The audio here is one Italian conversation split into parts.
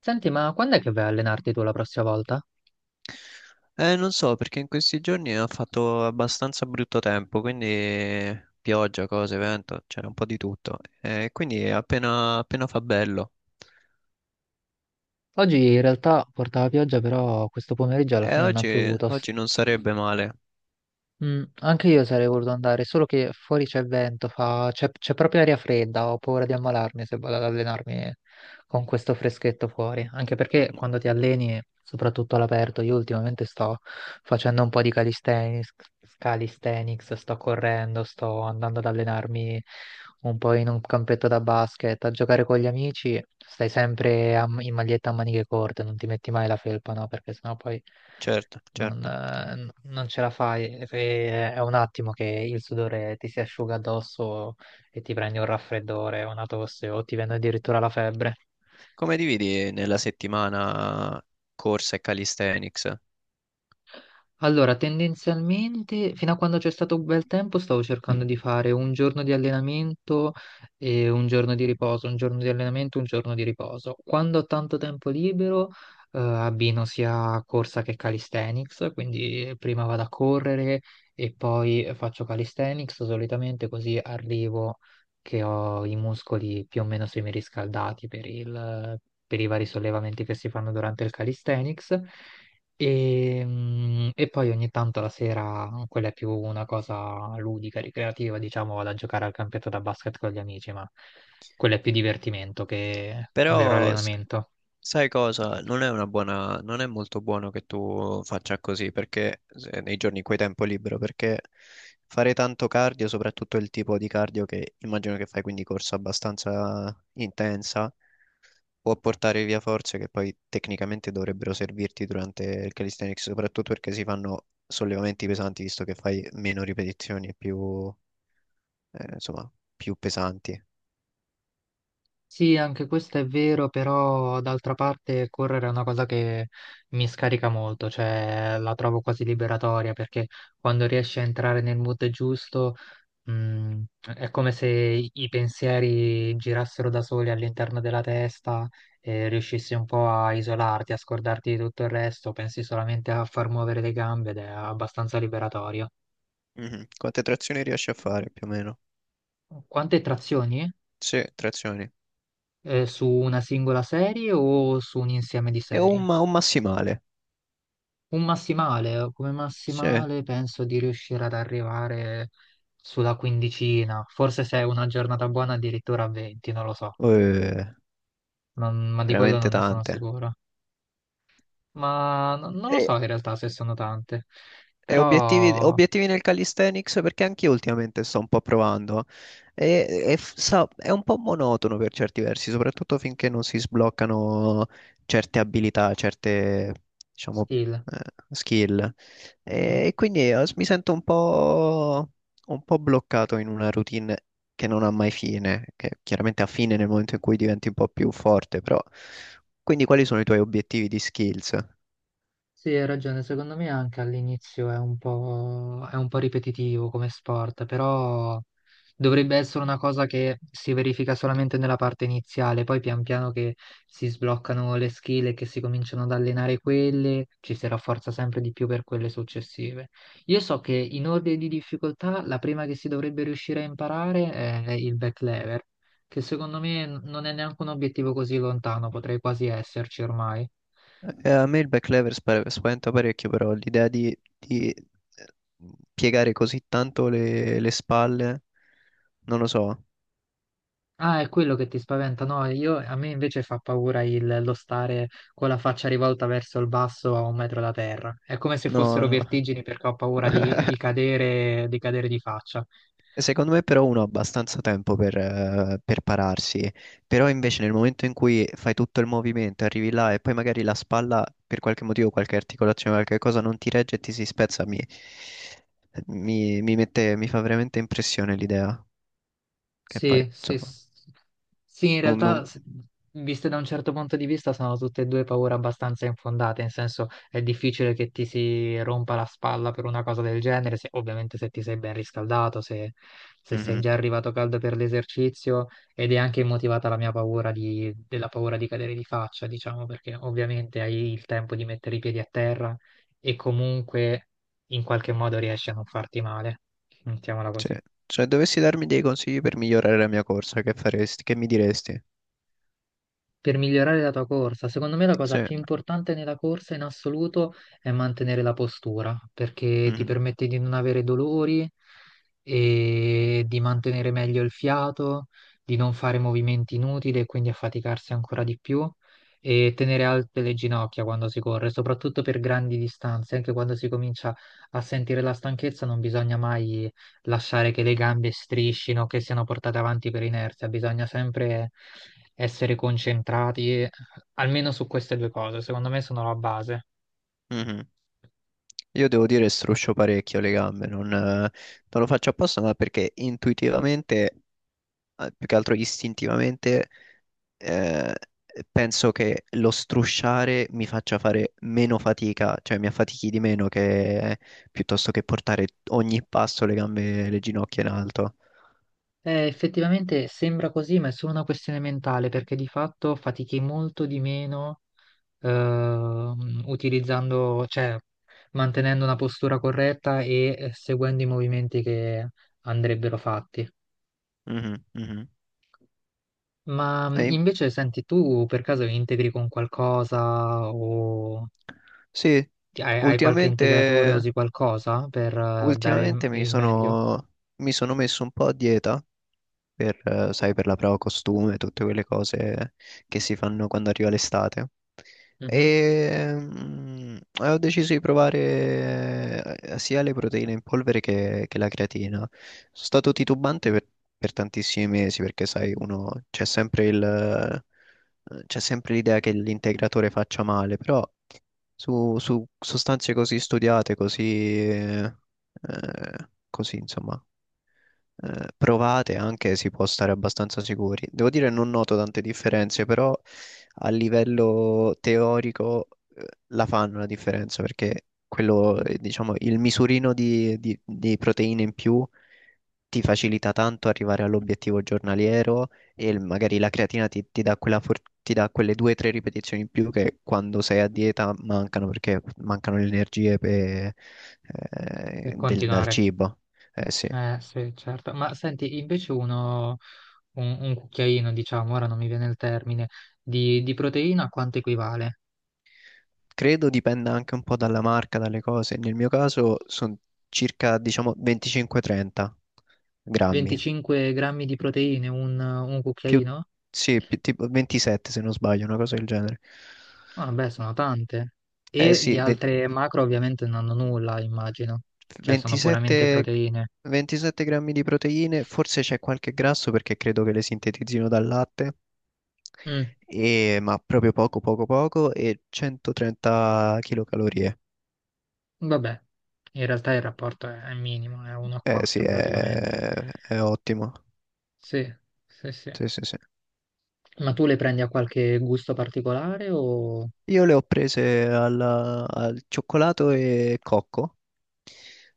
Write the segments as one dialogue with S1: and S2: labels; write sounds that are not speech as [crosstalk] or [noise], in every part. S1: Senti, ma quando è che vai a allenarti tu la prossima volta?
S2: Non so, perché in questi giorni ha fatto abbastanza brutto tempo, quindi pioggia, cose, vento, c'era un po' di tutto. Quindi appena fa bello.
S1: Oggi in realtà portava pioggia, però questo pomeriggio alla
S2: E
S1: fine non ha
S2: oggi,
S1: piovuto.
S2: oggi non sarebbe male.
S1: Mm, anche io sarei voluto andare, solo che fuori c'è vento, c'è proprio aria fredda, ho paura di ammalarmi se vado ad allenarmi con questo freschetto fuori, anche perché quando ti alleni, soprattutto all'aperto, io ultimamente sto facendo un po' di calisthenics, sto correndo, sto andando ad allenarmi un po' in un campetto da basket, a giocare con gli amici, stai sempre in maglietta a maniche corte, non ti metti mai la felpa, no? Perché sennò poi
S2: Certo, certo.
S1: non ce la fai, è un attimo che il sudore ti si asciuga addosso e ti prendi un raffreddore, una tosse o ti viene addirittura la febbre.
S2: Come dividi nella settimana corsa e calisthenics?
S1: Allora, tendenzialmente, fino a quando c'è stato un bel tempo, stavo cercando di fare un giorno di allenamento e un giorno di riposo, un giorno di allenamento, un giorno di riposo. Quando ho tanto tempo libero, abbino sia corsa che calisthenics, quindi prima vado a correre e poi faccio calisthenics, solitamente così arrivo che ho i muscoli più o meno semiriscaldati per i vari sollevamenti che si fanno durante il calisthenics. E poi ogni tanto la sera, mhmm, quella è più una cosa ludica, ricreativa, diciamo, vado a giocare al campionato da basket con gli amici, ma quello è più divertimento che vero
S2: Però s-
S1: allenamento.
S2: Sai cosa? Non è molto buono che tu faccia così perché nei giorni in cui hai tempo libero, perché fare tanto cardio, soprattutto il tipo di cardio che immagino che fai, quindi corsa abbastanza intensa, può portare via forze che poi tecnicamente dovrebbero servirti durante il calisthenics, soprattutto perché si fanno sollevamenti pesanti, visto che fai meno ripetizioni e più, insomma, più pesanti.
S1: Sì, anche questo è vero, però d'altra parte correre è una cosa che mi scarica molto, cioè la trovo quasi liberatoria perché quando riesci a entrare nel mood giusto. Mm, è come se i pensieri girassero da soli all'interno della testa e riuscissi un po' a isolarti, a scordarti di tutto il resto, pensi solamente a far muovere le gambe ed è abbastanza liberatorio.
S2: Mhm. Quante trazioni riesci a fare più o meno?
S1: Quante trazioni?
S2: Sì, trazioni.
S1: Su una singola serie o su un insieme di serie?
S2: Un massimale.
S1: Un massimale, come
S2: Sì.
S1: massimale penso di riuscire ad arrivare sulla quindicina, forse se è una giornata buona addirittura a 20, non lo so.
S2: Eh,
S1: Ma di quello
S2: Veramente
S1: non ne sono
S2: tante.
S1: sicuro. Ma non lo
S2: E,
S1: so in realtà se sono tante,
S2: E obiettivi,
S1: però
S2: obiettivi nel calisthenics, perché anche io ultimamente sto un po' provando è un po' monotono per certi versi, soprattutto finché non si sbloccano certe abilità, certe, diciamo,
S1: skill.
S2: eh, skill.
S1: Mm.
S2: E quindi mi sento un po' bloccato in una routine che non ha mai fine, che chiaramente ha fine nel momento in cui diventi un po' più forte, però... Quindi quali sono i tuoi obiettivi di skills?
S1: Sì, hai ragione, secondo me anche all'inizio è è un po' ripetitivo come sport, però dovrebbe essere una cosa che si verifica solamente nella parte iniziale, poi pian piano che si sbloccano le skill e che si cominciano ad allenare quelle, ci si rafforza sempre di più per quelle successive. Io so che in ordine di difficoltà la prima che si dovrebbe riuscire a imparare è il back lever, che secondo me non è neanche un obiettivo così lontano, potrei quasi esserci ormai.
S2: A me il backlevers spaventa parecchio, però l'idea di, piegare così tanto le spalle, non lo so.
S1: Ah, è quello che ti spaventa, no? Io, a me invece fa paura lo stare con la faccia rivolta verso il basso a un metro da terra. È come se
S2: No,
S1: fossero
S2: no.
S1: vertigini perché ho paura
S2: [laughs]
S1: di cadere, di cadere di faccia.
S2: Secondo me però uno ha abbastanza tempo per pararsi, però invece nel momento in cui fai tutto il movimento, arrivi là e poi magari la spalla per qualche motivo, qualche articolazione, qualche cosa non ti regge e ti si spezza, mi fa veramente impressione l'idea, che poi
S1: Sì, sì,
S2: insomma
S1: sì, in
S2: non,
S1: realtà,
S2: non-
S1: viste da un certo punto di vista, sono tutte e due paure abbastanza infondate, nel senso è difficile che ti si rompa la spalla per una cosa del genere, ovviamente se ti sei ben riscaldato, se sei già
S2: Mhm.
S1: arrivato caldo per l'esercizio, ed è anche motivata la mia paura della paura di cadere di faccia, diciamo, perché ovviamente hai il tempo di mettere i piedi a terra e comunque in qualche modo riesci a non farti male, mettiamola
S2: Sì.
S1: così.
S2: Cioè, dovessi darmi dei consigli per migliorare la mia corsa, che faresti? Che mi diresti?
S1: Per migliorare la tua corsa. Secondo me la cosa
S2: Sì.
S1: più importante nella corsa in assoluto è mantenere la postura, perché ti
S2: Mhm,
S1: permette di non avere dolori e di mantenere meglio il fiato, di non fare movimenti inutili e quindi affaticarsi ancora di più e tenere alte le ginocchia quando si corre, soprattutto per grandi distanze, anche quando si comincia a sentire la stanchezza, non bisogna mai lasciare che le gambe striscino, che siano portate avanti per inerzia, bisogna sempre essere concentrati, almeno su queste due cose, secondo me sono la base.
S2: mhm. Io devo dire struscio parecchio le gambe, non lo faccio apposta, ma perché intuitivamente, più che altro istintivamente, eh, penso che lo strusciare mi faccia fare meno fatica, cioè mi affatichi di meno, che piuttosto che portare ogni passo le gambe, le ginocchia in alto.
S1: Effettivamente sembra così, ma è solo una questione mentale, perché di fatto fatichi molto di meno utilizzando, cioè mantenendo una postura corretta e seguendo i movimenti che andrebbero fatti.
S2: Mhm, mhm.
S1: Ma
S2: E- in-
S1: invece, senti, tu per caso integri con qualcosa o.
S2: Sì,
S1: Hai, hai qualche integratore,
S2: ultimamente.
S1: usi qualcosa per dare il
S2: Ultimamente mi
S1: il meglio,
S2: sono, mi sono messo un po' a dieta per, sai, per la prova costume, tutte quelle cose che si fanno quando arriva l'estate.
S1: mhm,
S2: E ho deciso di provare sia le proteine in polvere che la creatina. Sono stato titubante per tantissimi mesi perché, sai, uno c'è sempre il, c'è sempre l'idea che l'integratore faccia male, però su sostanze così studiate, così, eh, così, insomma, provate, anche si può stare abbastanza sicuri. Devo dire, non noto tante differenze, però a livello teorico la fanno la differenza, perché quello, diciamo, il misurino di, di proteine in più ti facilita tanto arrivare all'obiettivo giornaliero e magari la creatina ti dà ti dà quelle due o tre ripetizioni in più, che quando sei a dieta mancano perché mancano le energie
S1: per
S2: dal
S1: continuare?
S2: cibo. Eh sì.
S1: Eh sì, certo. Ma senti, invece un cucchiaino, diciamo, ora non mi viene il termine, di proteina a quanto equivale?
S2: Credo dipenda anche un po' dalla marca, dalle cose. Nel mio caso sono circa, diciamo, 25-30 grammi.
S1: 25 grammi di proteine, un
S2: Più,
S1: cucchiaino?
S2: sì, più tipo 27 se non sbaglio, una cosa del genere.
S1: Ah, beh, sono tante.
S2: Eh
S1: E di
S2: sì, ve-
S1: altre macro ovviamente non hanno nulla, immagino. Cioè, sono puramente
S2: 27,
S1: proteine.
S2: 27 grammi di proteine, forse c'è qualche grasso perché credo che le sintetizzino dal latte,
S1: Mm,
S2: ma proprio poco, poco, poco, e 130 kcal.
S1: vabbè, in realtà il rapporto è minimo, è 1 a
S2: Eh sì,
S1: 4 praticamente.
S2: è ottimo.
S1: Sì, sì, sì.
S2: Sì, sì, sì.
S1: Ma tu le prendi a qualche gusto particolare o...
S2: Io le ho prese al cioccolato e cocco.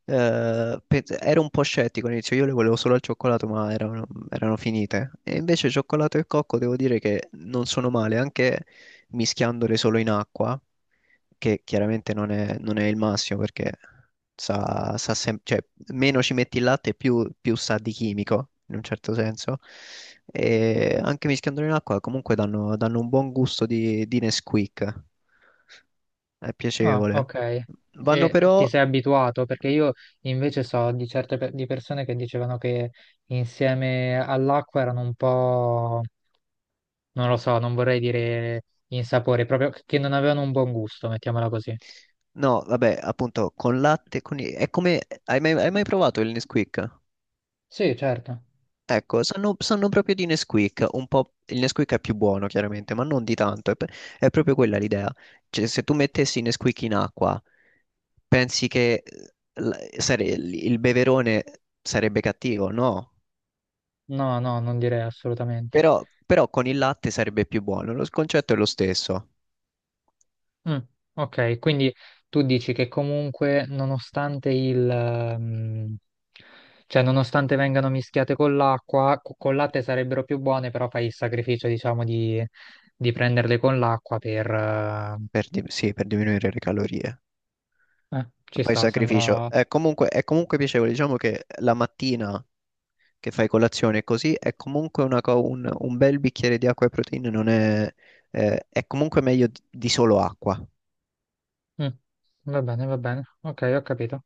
S2: Ero un po' scettico all'inizio, io le volevo solo al cioccolato, ma erano finite. E invece cioccolato e cocco devo dire che non sono male, anche mischiandole solo in acqua, che chiaramente non è il massimo, perché cioè, meno ci metti il latte più sa di chimico, in un certo senso. E anche mischiandolo in acqua comunque danno un buon gusto di Nesquik. È
S1: Ah,
S2: piacevole.
S1: ok.
S2: Vanno
S1: E ti
S2: però...
S1: sei abituato? Perché io invece so di certe di persone che dicevano che insieme all'acqua erano un po', non lo so, non vorrei dire insapore, proprio che non avevano un buon gusto, mettiamola così.
S2: No, vabbè, appunto, con latte, con... è come... hai mai provato il Nesquik?
S1: Sì, certo.
S2: Ecco, sanno proprio di Nesquik, un po', il Nesquik è più buono chiaramente, ma non di tanto, è proprio quella l'idea. Cioè, se tu mettessi Nesquik in acqua, pensi che l- il beverone sarebbe cattivo? No,
S1: No, no, non direi assolutamente.
S2: però con il latte sarebbe più buono, concetto è lo stesso,
S1: Mm, ok, quindi tu dici che comunque nonostante il, cioè nonostante vengano mischiate con l'acqua, colate sarebbero più buone, però fai il sacrificio, diciamo, di prenderle con l'acqua per...
S2: sì, per diminuire le calorie.
S1: ci
S2: Poi il
S1: sta,
S2: sacrificio
S1: sembra...
S2: è comunque, è comunque piacevole, diciamo che la mattina che fai colazione e così, è comunque un bel bicchiere di acqua e proteine non è, è comunque meglio di solo acqua.
S1: Mm, va bene, ok, ho capito.